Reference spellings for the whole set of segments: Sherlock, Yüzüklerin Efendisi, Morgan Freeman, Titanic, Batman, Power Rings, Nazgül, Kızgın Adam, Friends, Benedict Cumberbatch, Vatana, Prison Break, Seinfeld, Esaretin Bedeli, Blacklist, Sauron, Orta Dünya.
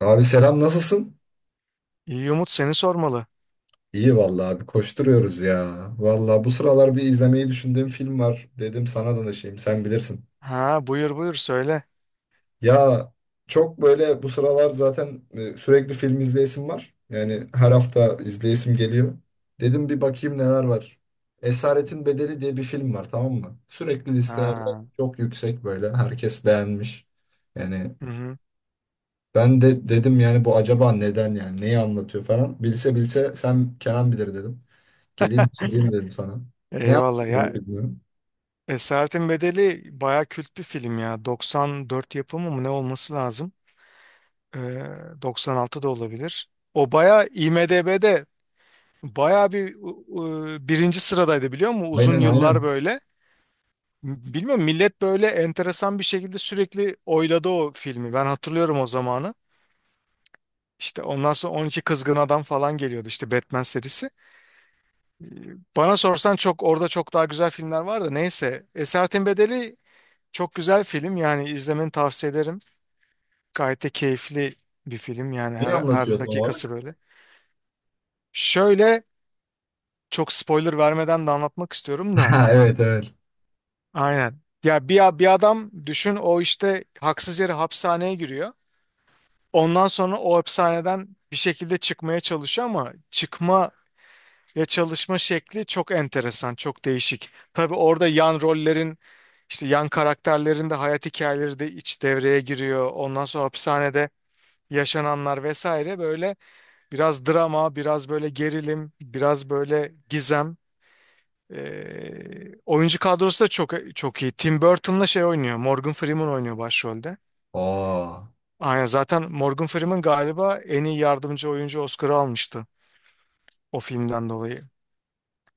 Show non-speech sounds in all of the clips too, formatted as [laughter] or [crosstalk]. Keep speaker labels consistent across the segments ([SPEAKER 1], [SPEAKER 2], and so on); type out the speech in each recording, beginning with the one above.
[SPEAKER 1] Abi selam nasılsın?
[SPEAKER 2] İyi Umut seni sormalı.
[SPEAKER 1] İyi vallahi abi koşturuyoruz ya. Vallahi bu sıralar bir izlemeyi düşündüğüm film var. Dedim sana danışayım sen bilirsin.
[SPEAKER 2] Buyur söyle.
[SPEAKER 1] Ya çok böyle bu sıralar zaten sürekli film izleyesim var. Yani her hafta izleyesim geliyor. Dedim bir bakayım neler var. Esaretin Bedeli diye bir film var, tamam mı? Sürekli listelerde
[SPEAKER 2] Ha.
[SPEAKER 1] çok yüksek böyle. Herkes beğenmiş. Yani
[SPEAKER 2] Hı hı.
[SPEAKER 1] ben de dedim yani bu acaba neden, yani neyi anlatıyor falan. Bilse bilse sen Kenan bilir dedim. Geleyim sorayım dedim sana. Ne
[SPEAKER 2] Eyvallah
[SPEAKER 1] anlatıyor
[SPEAKER 2] ya.
[SPEAKER 1] bilmiyorum.
[SPEAKER 2] Esaretin Bedeli baya kült bir film ya. 94 yapımı mı ne olması lazım? Ee, 96 da olabilir. O baya IMDb'de baya bir birinci sıradaydı biliyor musun? Uzun
[SPEAKER 1] Aynen,
[SPEAKER 2] yıllar
[SPEAKER 1] aynen.
[SPEAKER 2] böyle. Bilmiyorum, millet böyle enteresan bir şekilde sürekli oyladı o filmi. Ben hatırlıyorum o zamanı. İşte ondan sonra 12 Kızgın Adam falan geliyordu, işte Batman serisi. Ee, Bana sorsan çok orada çok daha güzel filmler var da neyse. Esaretin Bedeli çok güzel film, yani izlemeni tavsiye ederim. Gayet de keyifli bir film yani
[SPEAKER 1] Ne
[SPEAKER 2] her,
[SPEAKER 1] anlatıyor
[SPEAKER 2] her
[SPEAKER 1] tam
[SPEAKER 2] dakikası
[SPEAKER 1] olarak? [laughs]
[SPEAKER 2] böyle. Şöyle, çok spoiler vermeden de anlatmak istiyorum da
[SPEAKER 1] Ha, evet, evet.
[SPEAKER 2] aynen. Ya bir adam düşün, o işte haksız yere hapishaneye giriyor. Ondan sonra o hapishaneden bir şekilde çıkmaya çalışıyor ama ya çalışma şekli çok enteresan, çok değişik. Tabii orada yan rollerin, işte yan karakterlerin de hayat hikayeleri de iç devreye giriyor. Ondan sonra hapishanede yaşananlar vesaire, böyle biraz drama, biraz böyle gerilim, biraz böyle gizem. Oyuncu kadrosu da çok çok iyi. Tim Burton'la şey oynuyor, Morgan Freeman oynuyor başrolde.
[SPEAKER 1] Aa,
[SPEAKER 2] Aynen, zaten Morgan Freeman galiba en iyi yardımcı oyuncu Oscar'ı almıştı o filmden dolayı.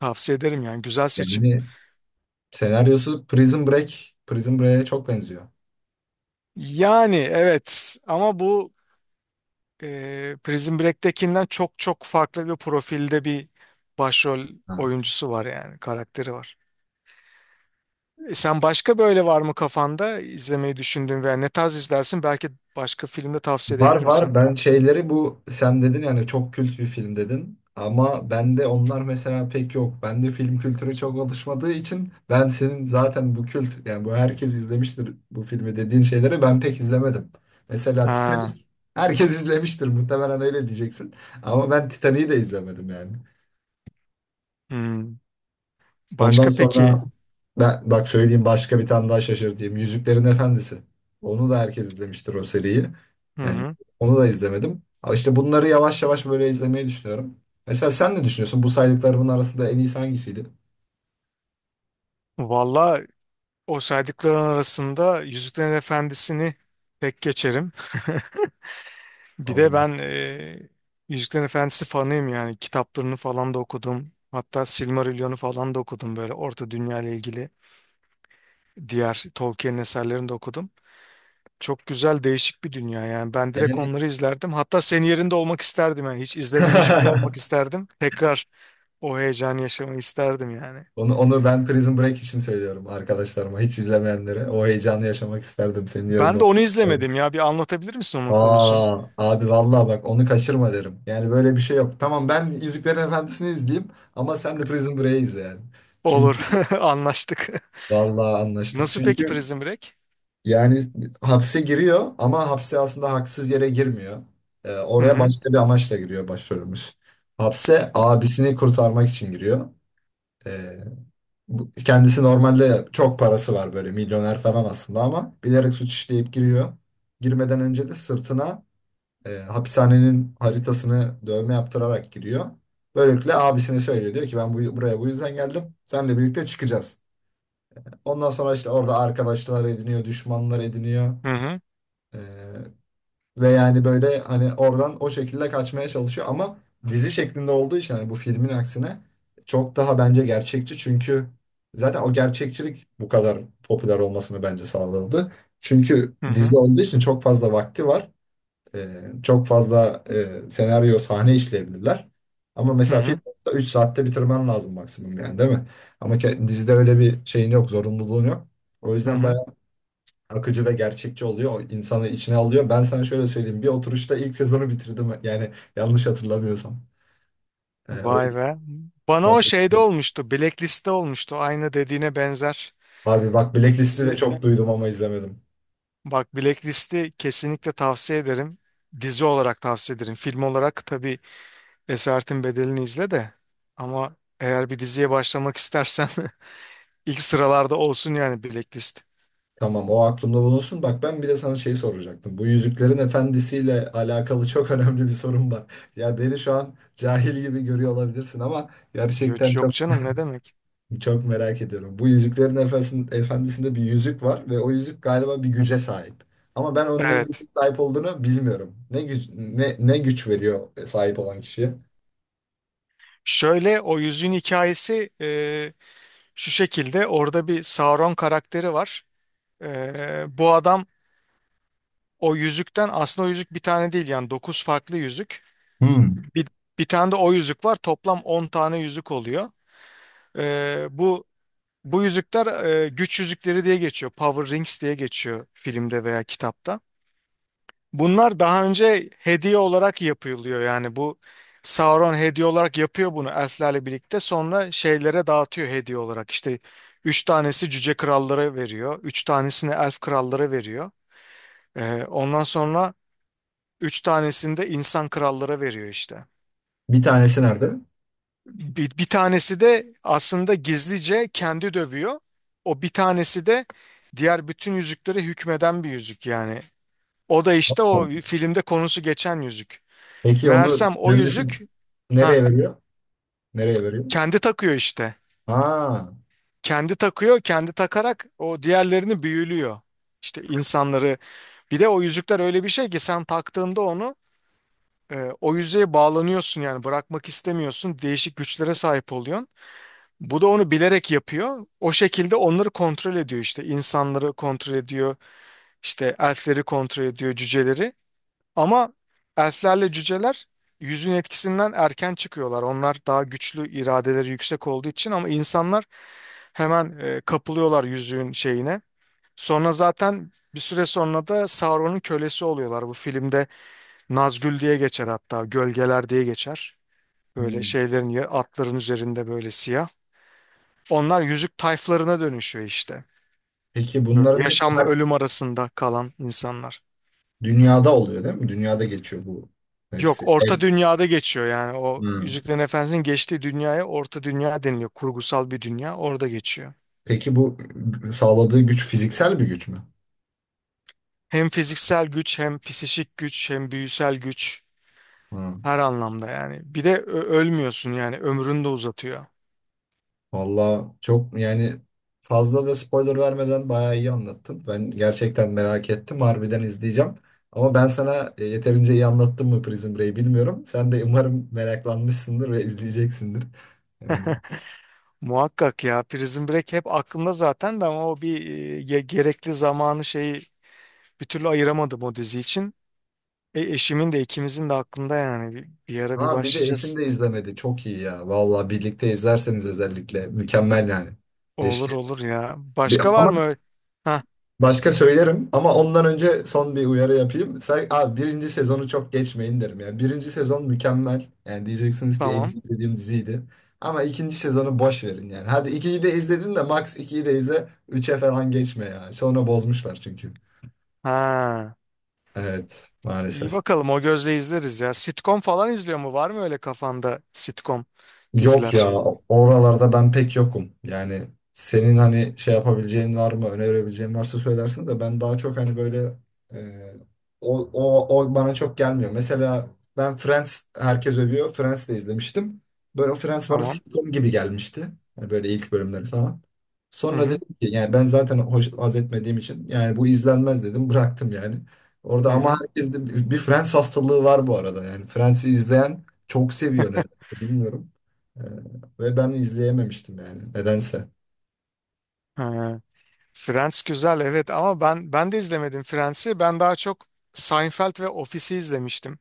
[SPEAKER 2] Tavsiye ederim, yani güzel seçim.
[SPEAKER 1] yani senaryosu Prison Break. Prison Break'e çok benziyor.
[SPEAKER 2] Yani evet ama bu Prison Break'tekinden çok çok farklı bir profilde bir başrol
[SPEAKER 1] Ha.
[SPEAKER 2] oyuncusu var, yani karakteri var. Sen başka böyle var mı kafanda izlemeyi düşündüğün veya ne tarz izlersin? Belki başka filmde tavsiye
[SPEAKER 1] Var,
[SPEAKER 2] edebilirim sana.
[SPEAKER 1] var, ben şeyleri bu sen dedin yani çok kült bir film dedin ama bende onlar mesela pek yok. Bende film kültürü çok oluşmadığı için ben senin zaten bu kült yani bu herkes izlemiştir bu filmi dediğin şeyleri ben pek izlemedim. Mesela
[SPEAKER 2] Ha,
[SPEAKER 1] Titanic herkes izlemiştir muhtemelen, öyle diyeceksin, ama ben Titanic'i de izlemedim yani.
[SPEAKER 2] hmm.
[SPEAKER 1] Ondan
[SPEAKER 2] Başka peki?
[SPEAKER 1] sonra ben bak söyleyeyim, başka bir tane daha şaşırtayım. Yüzüklerin Efendisi. Onu da herkes izlemiştir o seriyi.
[SPEAKER 2] Hı
[SPEAKER 1] Yani
[SPEAKER 2] hı.
[SPEAKER 1] onu da izlemedim. Ama işte bunları yavaş yavaş böyle izlemeyi düşünüyorum. Mesela sen ne düşünüyorsun? Bu saydıklarımın arasında en iyisi hangisiydi?
[SPEAKER 2] Valla o saydıkların arasında Yüzüklerin Efendisi'ni tek geçerim. [laughs] Bir
[SPEAKER 1] Al
[SPEAKER 2] de
[SPEAKER 1] bunu.
[SPEAKER 2] ben Yüzüklerin Efendisi fanıyım yani. Kitaplarını falan da okudum. Hatta Silmarillion'u falan da okudum, böyle Orta Dünya ile ilgili. Diğer Tolkien'in eserlerini de okudum. Çok güzel değişik bir dünya yani. Ben direkt
[SPEAKER 1] Yani
[SPEAKER 2] onları izlerdim. Hatta senin yerinde olmak isterdim yani. Hiç izlememiş biri olmak
[SPEAKER 1] [laughs]
[SPEAKER 2] isterdim. Tekrar o heyecanı yaşamayı isterdim yani.
[SPEAKER 1] onu ben Prison Break için söylüyorum arkadaşlarıma. Hiç izlemeyenlere. O heyecanı yaşamak isterdim senin yerinde.
[SPEAKER 2] Ben de
[SPEAKER 1] olmak
[SPEAKER 2] onu izlemedim ya. Bir anlatabilir misin onun konusunu?
[SPEAKER 1] Aa, abi vallahi bak onu kaçırma derim. Yani böyle bir şey yok. Tamam, ben Yüzüklerin Efendisi'ni izleyeyim ama sen de Prison Break'i izle yani.
[SPEAKER 2] Olur.
[SPEAKER 1] Çünkü
[SPEAKER 2] [laughs] Anlaştık.
[SPEAKER 1] vallahi anlaştık.
[SPEAKER 2] Nasıl peki
[SPEAKER 1] Çünkü
[SPEAKER 2] Prison Break?
[SPEAKER 1] yani hapse giriyor ama hapse aslında haksız yere girmiyor.
[SPEAKER 2] Hı
[SPEAKER 1] Oraya
[SPEAKER 2] hı.
[SPEAKER 1] başka bir amaçla giriyor başrolümüz. Hapse abisini kurtarmak için giriyor. Ee, kendisi normalde çok parası var böyle, milyoner falan aslında, ama bilerek suç işleyip giriyor. Girmeden önce de sırtına hapishanenin haritasını dövme yaptırarak giriyor. Böylelikle abisine söylüyor. Diyor ki ben buraya bu yüzden geldim. Seninle birlikte çıkacağız. Ondan sonra işte orada arkadaşlar ediniyor, düşmanlar ediniyor.
[SPEAKER 2] Hı hı.
[SPEAKER 1] E, ve yani böyle hani oradan o şekilde kaçmaya çalışıyor. Ama dizi şeklinde olduğu için, hani bu filmin aksine, çok daha bence gerçekçi. Çünkü zaten o gerçekçilik bu kadar popüler olmasını bence sağladı. Çünkü
[SPEAKER 2] Hı
[SPEAKER 1] dizi
[SPEAKER 2] hı.
[SPEAKER 1] olduğu için çok fazla vakti var. Çok fazla senaryo sahne işleyebilirler. Ama
[SPEAKER 2] Hı
[SPEAKER 1] mesela film
[SPEAKER 2] hı.
[SPEAKER 1] 3 saatte bitirmen lazım maksimum, yani değil mi? Ama dizide öyle bir şeyin yok, zorunluluğun yok. O
[SPEAKER 2] Hı
[SPEAKER 1] yüzden
[SPEAKER 2] hı.
[SPEAKER 1] bayağı akıcı ve gerçekçi oluyor. O insanı içine alıyor. Ben sana şöyle söyleyeyim: bir oturuşta ilk sezonu bitirdim. Yani yanlış hatırlamıyorsam. O
[SPEAKER 2] Vay
[SPEAKER 1] yüzden...
[SPEAKER 2] be. Bana o şeyde olmuştu, Blacklist'te olmuştu. Aynı dediğine benzer
[SPEAKER 1] Abi bak,
[SPEAKER 2] bir
[SPEAKER 1] Blacklist'i de
[SPEAKER 2] dizi.
[SPEAKER 1] çok duydum ama izlemedim.
[SPEAKER 2] Bak Blacklist'i kesinlikle tavsiye ederim. Dizi olarak tavsiye ederim. Film olarak tabii Esaretin Bedeli'ni izle de. Ama eğer bir diziye başlamak istersen [laughs] ilk sıralarda olsun yani, Blacklist.
[SPEAKER 1] Tamam, o aklımda bulunsun. Bak ben bir de sana şey soracaktım. Bu Yüzüklerin Efendisi'yle alakalı [laughs] çok önemli bir sorum var. Ya beni şu an cahil gibi görüyor olabilirsin ama
[SPEAKER 2] Yok,
[SPEAKER 1] gerçekten
[SPEAKER 2] yok
[SPEAKER 1] çok
[SPEAKER 2] canım, ne demek.
[SPEAKER 1] çok merak ediyorum. Bu Yüzüklerin efendisi'nin Efendisi'nde bir yüzük var ve o yüzük galiba bir güce sahip. Ama ben onun ne güce
[SPEAKER 2] Evet.
[SPEAKER 1] sahip olduğunu bilmiyorum. Ne güç, ne güç veriyor sahip olan kişiye?
[SPEAKER 2] Şöyle, o yüzüğün hikayesi şu şekilde. Orada bir Sauron karakteri var. E, bu adam O yüzükten aslında, o yüzük bir tane değil yani, 9 farklı yüzük.
[SPEAKER 1] Hmm.
[SPEAKER 2] Bir, bir tane de o yüzük var. Toplam 10 tane yüzük oluyor. Ee, bu Bu yüzükler güç yüzükleri diye geçiyor. Power Rings diye geçiyor filmde veya kitapta. Bunlar daha önce hediye olarak yapılıyor. Yani bu Sauron hediye olarak yapıyor bunu elflerle birlikte. Sonra şeylere dağıtıyor hediye olarak. İşte 3 tanesi cüce krallara veriyor, 3 tanesini elf krallara veriyor. Ondan sonra üç tanesini de insan krallara veriyor işte.
[SPEAKER 1] Bir tanesi nerede?
[SPEAKER 2] Bir tanesi de aslında gizlice kendi dövüyor. O bir tanesi de diğer bütün yüzüklere hükmeden bir yüzük yani. O da işte o
[SPEAKER 1] Tamam.
[SPEAKER 2] filmde konusu geçen yüzük.
[SPEAKER 1] Peki onu
[SPEAKER 2] Meğersem o
[SPEAKER 1] kendisi
[SPEAKER 2] yüzük, ha
[SPEAKER 1] nereye veriyor? Nereye veriyor?
[SPEAKER 2] kendi takıyor işte.
[SPEAKER 1] Ha.
[SPEAKER 2] Kendi takıyor, kendi takarak o diğerlerini büyülüyor. İşte insanları, bir de o yüzükler öyle bir şey ki sen taktığında onu, o yüzeye bağlanıyorsun yani, bırakmak istemiyorsun. Değişik güçlere sahip oluyorsun. Bu da onu bilerek yapıyor. O şekilde onları kontrol ediyor işte. İnsanları kontrol ediyor, işte elfleri kontrol ediyor, cüceleri. Ama elflerle cüceler yüzün etkisinden erken çıkıyorlar. Onlar daha güçlü, iradeleri yüksek olduğu için, ama insanlar hemen kapılıyorlar yüzüğün şeyine. Sonra zaten bir süre sonra da Sauron'un kölesi oluyorlar. Bu filmde Nazgül diye geçer hatta, gölgeler diye geçer. Böyle
[SPEAKER 1] Hmm.
[SPEAKER 2] atların üzerinde böyle siyah. Onlar yüzük tayflarına dönüşüyor işte.
[SPEAKER 1] Peki
[SPEAKER 2] Böyle
[SPEAKER 1] bunların hepsi
[SPEAKER 2] yaşamla ölüm arasında kalan insanlar.
[SPEAKER 1] dünyada oluyor değil mi? Dünyada geçiyor bu
[SPEAKER 2] Yok,
[SPEAKER 1] hepsi.
[SPEAKER 2] Orta
[SPEAKER 1] Evet.
[SPEAKER 2] Dünya'da geçiyor yani. O
[SPEAKER 1] Hmm.
[SPEAKER 2] Yüzüklerin Efendisi'nin geçtiği dünyaya Orta Dünya deniliyor. Kurgusal bir dünya, orada geçiyor.
[SPEAKER 1] Peki bu sağladığı güç fiziksel bir güç mü?
[SPEAKER 2] Hem fiziksel güç, hem psişik güç, hem büyüsel güç.
[SPEAKER 1] Hmm.
[SPEAKER 2] Her anlamda yani. Bir de ölmüyorsun yani. Ömrünü de uzatıyor.
[SPEAKER 1] Valla çok yani fazla da spoiler vermeden bayağı iyi anlattın. Ben gerçekten merak ettim. Harbiden izleyeceğim. Ama ben sana yeterince iyi anlattım mı Prison Break'i bilmiyorum. Sen de umarım meraklanmışsındır ve izleyeceksindir. Yani.
[SPEAKER 2] Muhakkak ya, Prison Break hep aklımda zaten de, ama o bir gerekli zamanı şeyi bir türlü ayıramadım o dizi için. Eşimin de ikimizin de aklında yani, bir ara bir
[SPEAKER 1] Ha, bir de eşin
[SPEAKER 2] başlayacağız.
[SPEAKER 1] de izlemedi. Çok iyi ya. Valla birlikte izlerseniz özellikle mükemmel yani.
[SPEAKER 2] Olur
[SPEAKER 1] Keşke
[SPEAKER 2] olur ya. Başka var
[SPEAKER 1] Ama
[SPEAKER 2] mı öyle? Ha
[SPEAKER 1] başka söylerim ama ondan önce son bir uyarı yapayım. Sen, abi, birinci sezonu çok geçmeyin derim ya. Birinci sezon mükemmel. Yani diyeceksiniz ki en
[SPEAKER 2] tamam.
[SPEAKER 1] iyi izlediğim diziydi. Ama ikinci sezonu boş verin yani. Hadi ikiyi de izledin, de max ikiyi de izle. Üçe falan geçme ya. Sonra bozmuşlar çünkü.
[SPEAKER 2] Ha,
[SPEAKER 1] Evet,
[SPEAKER 2] iyi
[SPEAKER 1] maalesef.
[SPEAKER 2] bakalım, o gözle izleriz ya. Sitcom falan izliyor mu? Var mı öyle kafanda sitcom
[SPEAKER 1] Yok
[SPEAKER 2] diziler?
[SPEAKER 1] ya, oralarda ben pek yokum. Yani senin hani şey yapabileceğin var mı, önerebileceğin varsa söylersin, de ben daha çok hani böyle e, o bana çok gelmiyor. Mesela ben Friends, herkes övüyor. Friends de izlemiştim. Böyle o Friends bana
[SPEAKER 2] Tamam.
[SPEAKER 1] sitcom gibi gelmişti. Yani böyle ilk bölümleri falan.
[SPEAKER 2] Hı
[SPEAKER 1] Sonra
[SPEAKER 2] hı.
[SPEAKER 1] dedim ki yani ben zaten haz etmediğim için, yani bu izlenmez dedim, bıraktım yani.
[SPEAKER 2] Hı
[SPEAKER 1] Orada ama
[SPEAKER 2] hı.
[SPEAKER 1] herkeste bir Friends hastalığı var bu arada yani. Friends'i izleyen çok seviyor, neden bilmiyorum. Ee, Ve ben izleyememiştim yani nedense.
[SPEAKER 2] Ha. Friends güzel evet, ama ben de izlemedim Friends'i. Ben daha çok Seinfeld ve Office'i izlemiştim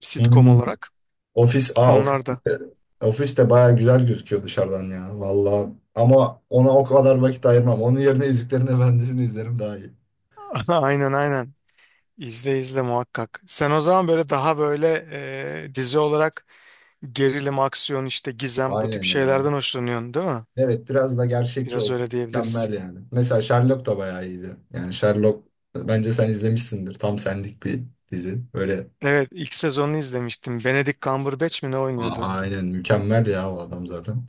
[SPEAKER 2] sitcom
[SPEAKER 1] Hmm.
[SPEAKER 2] olarak.
[SPEAKER 1] Ofis, ofis
[SPEAKER 2] Onlar da.
[SPEAKER 1] ofis de baya güzel gözüküyor dışarıdan ya valla. Ama ona o kadar vakit ayırmam. Onun yerine Yüzüklerin Efendisi'ni izlerim, daha iyi.
[SPEAKER 2] [laughs] Aynen aynen. İzle izle muhakkak. Sen o zaman böyle daha böyle dizi olarak gerilim, aksiyon, işte gizem, bu tip
[SPEAKER 1] Aynen ya.
[SPEAKER 2] şeylerden hoşlanıyorsun değil mi?
[SPEAKER 1] Evet, biraz da gerçekçi
[SPEAKER 2] Biraz
[SPEAKER 1] olsun.
[SPEAKER 2] öyle diyebiliriz.
[SPEAKER 1] Mükemmel yani. Mesela Sherlock da bayağı iyiydi. Yani Sherlock, bence sen izlemişsindir. Tam senlik bir dizi. Böyle
[SPEAKER 2] Evet, ilk sezonunu izlemiştim. Benedict Cumberbatch mi ne oynuyordu?
[SPEAKER 1] aynen mükemmel ya o adam zaten.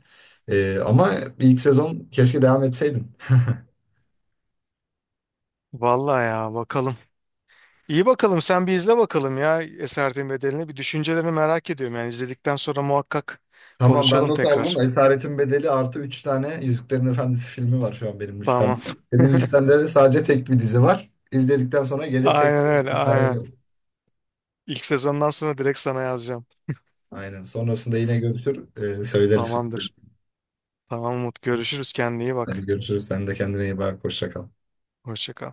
[SPEAKER 1] Ama ilk sezon keşke devam etseydin. [laughs]
[SPEAKER 2] Vallahi ya, bakalım. İyi bakalım, sen bir izle bakalım ya Esaretin Bedeli'ni. Bir düşüncelerini merak ediyorum. Yani izledikten sonra muhakkak
[SPEAKER 1] Tamam ben
[SPEAKER 2] konuşalım
[SPEAKER 1] not aldım.
[SPEAKER 2] tekrar.
[SPEAKER 1] Da Esaretin Bedeli artı 3 tane Yüzüklerin Efendisi filmi var şu an benim
[SPEAKER 2] Tamam.
[SPEAKER 1] listemde. Benim
[SPEAKER 2] [laughs]
[SPEAKER 1] listemde de sadece tek bir dizi var. İzledikten sonra gelir
[SPEAKER 2] Aynen
[SPEAKER 1] tekrar
[SPEAKER 2] öyle,
[SPEAKER 1] bir karar
[SPEAKER 2] aynen.
[SPEAKER 1] veririm.
[SPEAKER 2] İlk sezondan sonra direkt sana yazacağım.
[SPEAKER 1] Aynen. Sonrasında yine görüşür. Söyleriz.
[SPEAKER 2] Tamamdır. Tamam Umut, görüşürüz, kendine iyi
[SPEAKER 1] Hadi
[SPEAKER 2] bak.
[SPEAKER 1] görüşürüz. Sen de kendine iyi bak. Hoşça kal.
[SPEAKER 2] Hoşça kal.